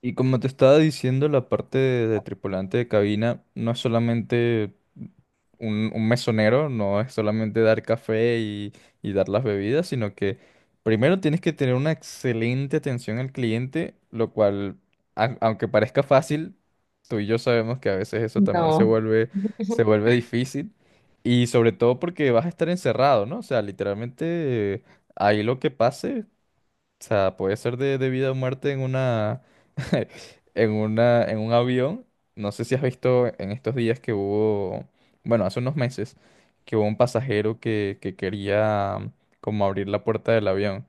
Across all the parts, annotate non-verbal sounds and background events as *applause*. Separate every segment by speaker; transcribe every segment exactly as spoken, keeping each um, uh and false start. Speaker 1: Y como te estaba diciendo, la parte de, de tripulante de cabina no es solamente un, un mesonero, no es solamente dar café y, y dar las bebidas, sino que primero tienes que tener una excelente atención al cliente, lo cual, a- aunque parezca fácil, tú y yo sabemos que a veces eso también se
Speaker 2: No.
Speaker 1: vuelve, se
Speaker 2: *laughs*
Speaker 1: vuelve difícil. Y sobre todo porque vas a estar encerrado, ¿no? O sea, literalmente eh, ahí lo que pase. O sea, puede ser de, de vida o muerte en una, *laughs* en una, en un avión. No sé si has visto en estos días que hubo, bueno, hace unos meses, que hubo un pasajero que, que quería como abrir la puerta del avión.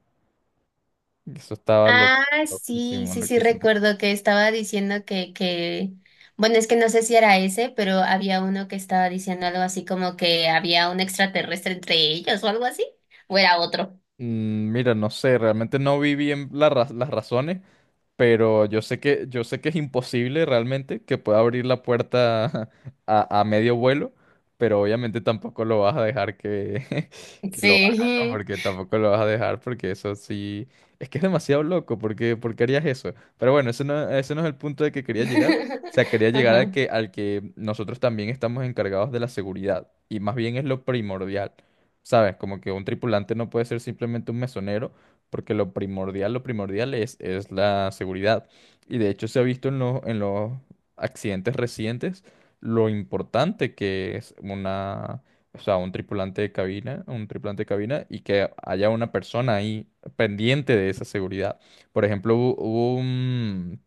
Speaker 1: Eso estaba lo-
Speaker 2: Ah, sí,
Speaker 1: loquísimo,
Speaker 2: sí, sí,
Speaker 1: loquísimo.
Speaker 2: recuerdo que estaba diciendo que, que, bueno, es que no sé si era ese, pero había uno que estaba diciendo algo así como que había un extraterrestre entre ellos o algo así, o era otro.
Speaker 1: Mm, Mira, no sé, realmente no vi bien la ra- las razones, pero yo sé que, yo sé que es imposible realmente que pueda abrir la puerta *laughs* a, a medio vuelo, pero obviamente tampoco lo vas a dejar que, *laughs* que lo haga, ¿no?
Speaker 2: Sí.
Speaker 1: Porque tampoco lo vas a dejar, porque eso sí, es que es demasiado loco, porque, ¿por qué harías eso? Pero bueno, ese no, ese no es el punto de que quería llegar. O
Speaker 2: *laughs*
Speaker 1: sea, quería llegar a
Speaker 2: Ajá,
Speaker 1: que, al que nosotros también estamos encargados de la seguridad, y más bien es lo primordial. ¿Sabes? Como que un tripulante no puede ser simplemente un mesonero, porque lo primordial, lo primordial es, es la seguridad. Y de hecho se ha visto en los, en los, accidentes recientes lo importante que es una, o sea, un tripulante de cabina, un tripulante de cabina y que haya una persona ahí pendiente de esa seguridad. Por ejemplo, hubo, hubo un,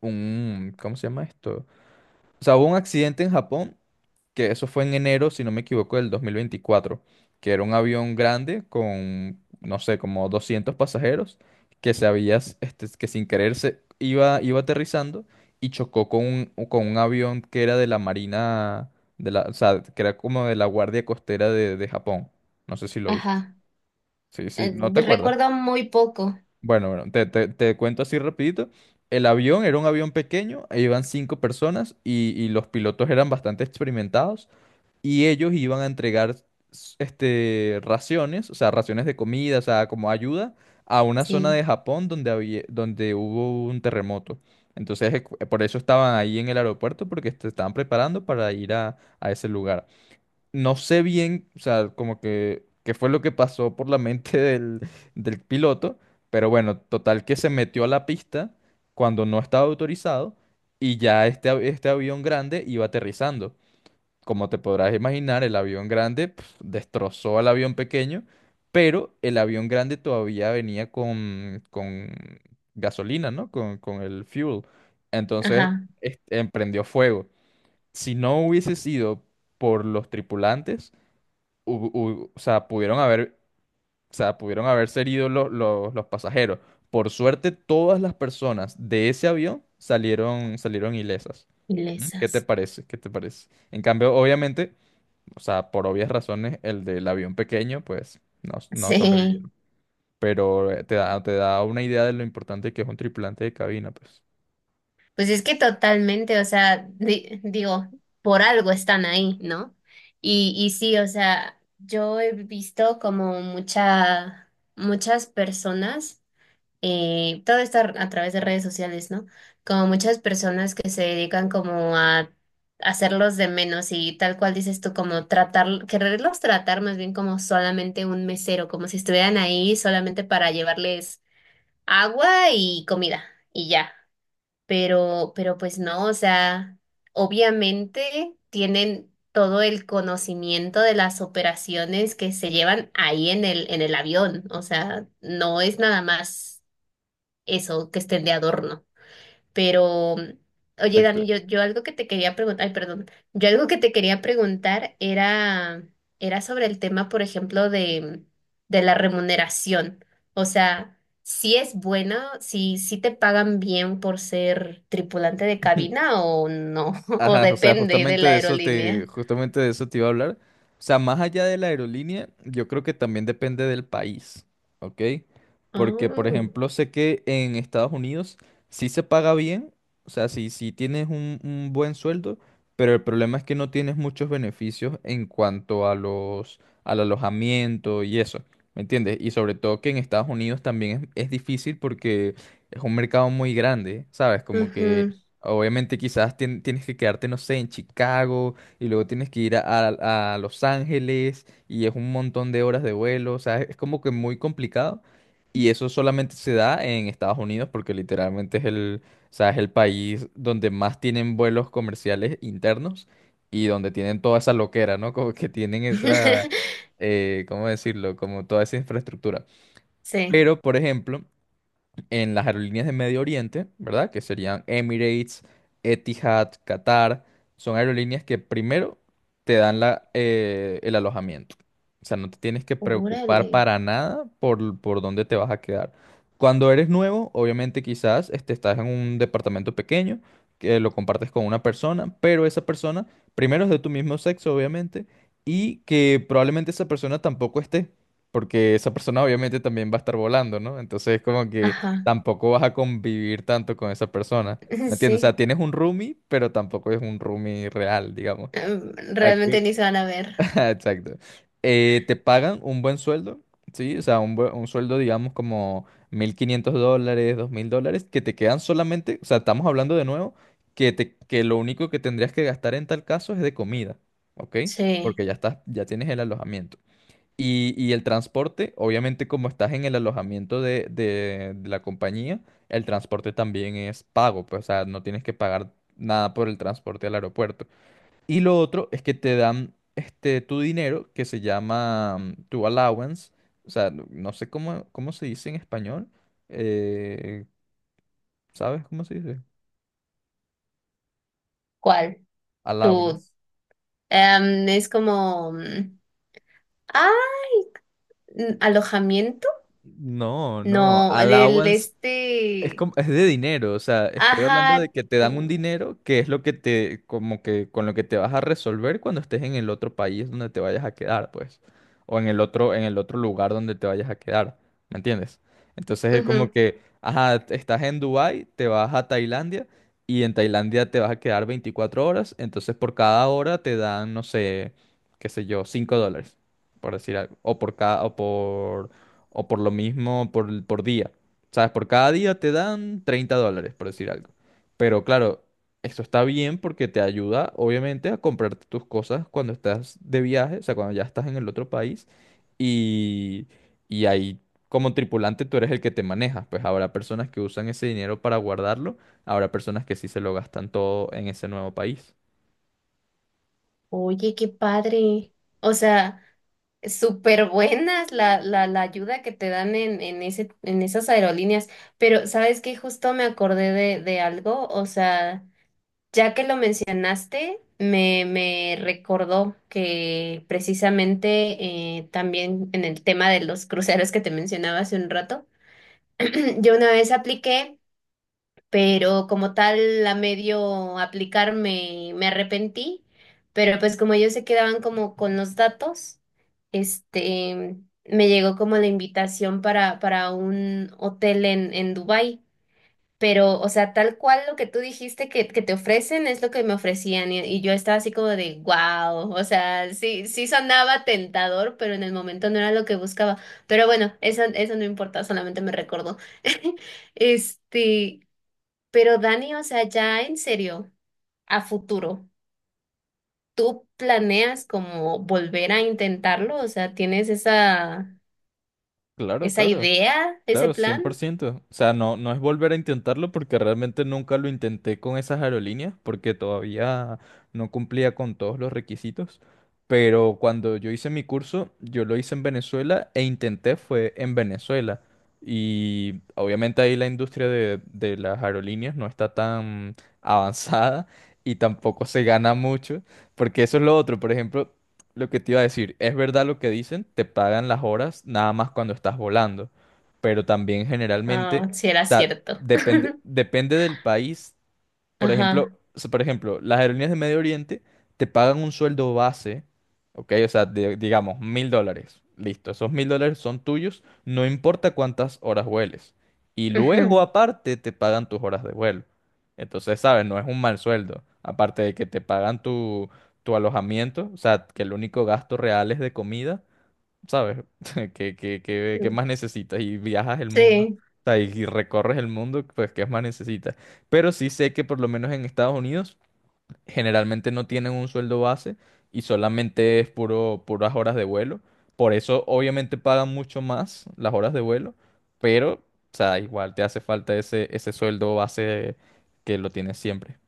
Speaker 1: un, ¿cómo se llama esto? O sea, hubo un accidente en Japón, que eso fue en enero, si no me equivoco, del dos mil veinticuatro, que era un avión grande con, no sé, como doscientos pasajeros, que se había, s- este, que sin querer se iba, iba aterrizando y chocó con un, con un avión que era de la Marina, de la, o sea, que era como de la Guardia Costera de, de Japón. No sé si lo viste.
Speaker 2: ajá.
Speaker 1: Sí, sí,
Speaker 2: Eh,
Speaker 1: ¿no te acuerdas?
Speaker 2: recuerdo muy poco,
Speaker 1: Bueno, bueno, te, te- te cuento así rapidito. El avión era un avión pequeño, e iban cinco personas y, y los pilotos eran bastante experimentados y ellos iban a entregar s- este, raciones, o sea, raciones de comida, o sea, como ayuda a una zona
Speaker 2: sí.
Speaker 1: de Japón donde había, donde hubo un terremoto. Entonces, eh, por eso estaban ahí en el aeropuerto porque se estaban preparando para ir a, a ese lugar. No sé bien, o sea, como que qué fue lo que pasó por la mente *laughs* del, del piloto, pero bueno, total que se metió a la pista cuando no estaba autorizado y ya este, av- este avión grande iba aterrizando. Como te podrás imaginar, el avión grande pf, destrozó al avión pequeño, pero el avión grande todavía venía con, con gasolina, ¿no? Con, con el fuel. Entonces,
Speaker 2: Ajá,
Speaker 1: este, emprendió fuego. Si no hubiese sido por los tripulantes, hu- hu- o sea, pudieron haber, o sea, pudieron haberse herido lo- lo- los pasajeros. Por suerte, todas las personas de ese avión salieron, salieron ilesas. ¿Mm? ¿Qué
Speaker 2: ilesas.
Speaker 1: te parece? ¿Qué te parece? En cambio, obviamente, o sea, por obvias razones, el del avión pequeño, pues, no, no
Speaker 2: Sí.
Speaker 1: sobrevivieron. Pero eh, te da, te da una idea de lo importante que es un tripulante de cabina, pues.
Speaker 2: Pues es que totalmente, o sea, di- digo, por algo están ahí, ¿no? Y, y sí, o sea, yo he visto como mucha, muchas personas, eh, todo esto a través de redes sociales, ¿no? Como muchas personas que se dedican como a hacerlos de menos y tal cual dices tú, como tratar, quererlos tratar más bien como solamente un mesero, como si estuvieran ahí solamente para llevarles agua y comida y ya, pero, pero pues no, o sea, obviamente tienen todo el conocimiento de las operaciones que se llevan ahí en el, en el avión, o sea, no es nada más eso que estén de adorno. Pero, oye, Dani,
Speaker 1: Exacto.
Speaker 2: yo, yo algo que te quería preguntar, ay, perdón, yo algo que te quería preguntar era, era sobre el tema, por ejemplo, de, de la remuneración. O sea, si es buena, si, si te pagan bien por ser tripulante de
Speaker 1: *laughs*
Speaker 2: cabina o no, *laughs* o
Speaker 1: Ajá, o sea,
Speaker 2: depende de
Speaker 1: justamente
Speaker 2: la
Speaker 1: de eso te,
Speaker 2: aerolínea.
Speaker 1: justamente de eso te iba a hablar. O sea, más allá de la aerolínea, yo creo que también depende del país, ¿ok? Porque, por
Speaker 2: Oh,
Speaker 1: ejemplo, sé que en Estados Unidos sí se paga bien, o sea, sí, sí tienes un, un buen sueldo, pero el problema es que no tienes muchos beneficios en cuanto a los, al alojamiento y eso, ¿me entiendes? Y sobre todo que en Estados Unidos también es, es difícil porque es un mercado muy grande, ¿sabes? Como que
Speaker 2: ujú.
Speaker 1: obviamente quizás tien- tienes que quedarte, no sé, en Chicago y luego tienes que ir a, a- a Los Ángeles y es un montón de horas de vuelo, o sea, es como que muy complicado y eso solamente se da en Estados Unidos porque literalmente es el, o sea, es el país donde más tienen vuelos comerciales internos y donde tienen toda esa loquera, ¿no? Como que tienen esa,
Speaker 2: *laughs*
Speaker 1: eh, ¿cómo decirlo? Como toda esa infraestructura.
Speaker 2: Sí.
Speaker 1: Pero, por ejemplo, en las aerolíneas de Medio Oriente, ¿verdad? Que serían Emirates, Etihad, Qatar. Son aerolíneas que primero te dan la, eh, el alojamiento. O sea, no te tienes que
Speaker 2: Órale.
Speaker 1: preocupar para nada por, por, dónde te vas a quedar. Cuando eres nuevo, obviamente quizás este, estás en un departamento pequeño que lo compartes con una persona, pero esa persona primero es de tu mismo sexo, obviamente, y que probablemente esa persona tampoco esté, porque esa persona obviamente también va a estar volando, ¿no? Entonces, como que
Speaker 2: Ajá.
Speaker 1: tampoco vas a convivir tanto con esa persona.
Speaker 2: *laughs*
Speaker 1: ¿Me entiendes? O
Speaker 2: Sí.
Speaker 1: sea, tienes un roomie, pero tampoco es un roomie real, digamos.
Speaker 2: Em, Realmente
Speaker 1: Aquí-
Speaker 2: ni se van a ver.
Speaker 1: *laughs* Exacto. Eh, te pagan un buen sueldo, ¿sí? O sea, un, buen- un sueldo, digamos, como mil quinientos dólares, dos mil dólares, que te quedan solamente, o sea, estamos hablando de nuevo, que, te, que lo único que tendrías que gastar en tal caso es de comida, ¿ok?
Speaker 2: Sí.
Speaker 1: Porque ya estás, ya tienes el alojamiento. Y, y el transporte, obviamente como estás en el alojamiento de, de- de la compañía, el transporte también es pago, pues, o sea, no tienes que pagar nada por el transporte al aeropuerto. Y lo otro es que te dan este, tu dinero, que se llama mm, tu allowance, o sea, no no sé cómo, cómo, se dice en español, eh, ¿sabes cómo se dice?
Speaker 2: ¿Cuál? Tú,
Speaker 1: Allowance.
Speaker 2: em, es como, mm, ah, mm, alojamiento,
Speaker 1: No, no,
Speaker 2: no, del
Speaker 1: allowance. Es
Speaker 2: este,
Speaker 1: como, es de dinero, o sea, estoy hablando de
Speaker 2: ajá,
Speaker 1: que te dan un
Speaker 2: tú,
Speaker 1: dinero que es lo que te, como que con lo que te vas a resolver cuando estés en el otro país donde te vayas a quedar, pues, o en el otro, en el otro, lugar donde te vayas a quedar, ¿me entiendes? Entonces es como
Speaker 2: ujú.
Speaker 1: que, ajá, estás en Dubái, te vas a Tailandia y en Tailandia te vas a quedar veinticuatro horas, entonces por cada hora te dan, no sé, qué sé yo, cinco dólares, por decir algo, o por cada, o por, o por lo mismo por, por día. ¿Sabes? Por cada día te dan treinta dólares, por decir algo. Pero claro, eso está bien porque te ayuda, obviamente, a comprarte tus cosas cuando estás de viaje, o sea, cuando ya estás en el otro país. Y, y ahí, como tripulante, tú eres el que te manejas. Pues habrá personas que usan ese dinero para guardarlo, habrá personas que sí se lo gastan todo en ese nuevo país.
Speaker 2: Oye, qué padre, o sea, súper buenas la, la, la ayuda que te dan en, en ese, en esas aerolíneas, pero ¿sabes qué? Justo me acordé de, de algo, o sea. Ya que lo mencionaste, me, me recordó que precisamente eh, también en el tema de los cruceros que te mencionaba hace un rato, *clears throat* yo una vez apliqué, pero como tal a medio aplicar me, me arrepentí, pero pues como ellos se quedaban como con los datos, este, me llegó como la invitación para, para un hotel en, en Dubái. Pero, o sea, tal cual lo que tú dijiste que, que te ofrecen es lo que me ofrecían y, y yo estaba así como de, wow, o sea, sí, sí sonaba tentador, pero en el momento no era lo que buscaba. Pero bueno, eso, eso no importa, solamente me recordó. *laughs* Este, pero Dani, o sea, ya en serio, a futuro, ¿tú planeas como volver a intentarlo? O sea, ¿tienes esa,
Speaker 1: Claro,
Speaker 2: esa
Speaker 1: claro,
Speaker 2: idea, ese
Speaker 1: claro, cien
Speaker 2: plan?
Speaker 1: por ciento. O sea, no, no es volver a intentarlo porque realmente nunca lo intenté con esas aerolíneas porque todavía no cumplía con todos los requisitos. Pero cuando yo hice mi curso, yo lo hice en Venezuela e intenté fue en Venezuela. Y obviamente ahí la industria de, de las aerolíneas no está tan *laughs* avanzada y tampoco se gana mucho porque eso es lo otro. Por ejemplo, lo que te iba a decir, es verdad lo que dicen, te pagan las horas nada más cuando estás volando, pero también generalmente,
Speaker 2: Ah, si
Speaker 1: o
Speaker 2: era
Speaker 1: sea,
Speaker 2: cierto.
Speaker 1: depende, depende, del país.
Speaker 2: *laughs*
Speaker 1: Por ejemplo,
Speaker 2: Ajá.
Speaker 1: o sea, por ejemplo, las aerolíneas de Medio Oriente te pagan un sueldo base, ¿ok? O sea, de- digamos, mil dólares. Listo, esos mil dólares son tuyos, no importa cuántas horas vueles. Y luego, aparte, te pagan tus horas de vuelo. Entonces, ¿sabes? No es un mal sueldo. Aparte de que te pagan tu, tu alojamiento, o sea, que el único gasto real es de comida. ¿Sabes? *laughs* ¿Qué, qué, qué- qué
Speaker 2: Ujú.
Speaker 1: más necesitas? Y viajas el mundo,
Speaker 2: Sí.
Speaker 1: o sea, y, y recorres el mundo, pues ¿qué más necesitas? Pero sí sé que por lo menos en Estados Unidos generalmente no tienen un sueldo base y solamente es puro, puras horas de vuelo. Por eso obviamente pagan mucho más las horas de vuelo, pero, o sea, igual te hace falta ese, ese sueldo base que lo tienes siempre.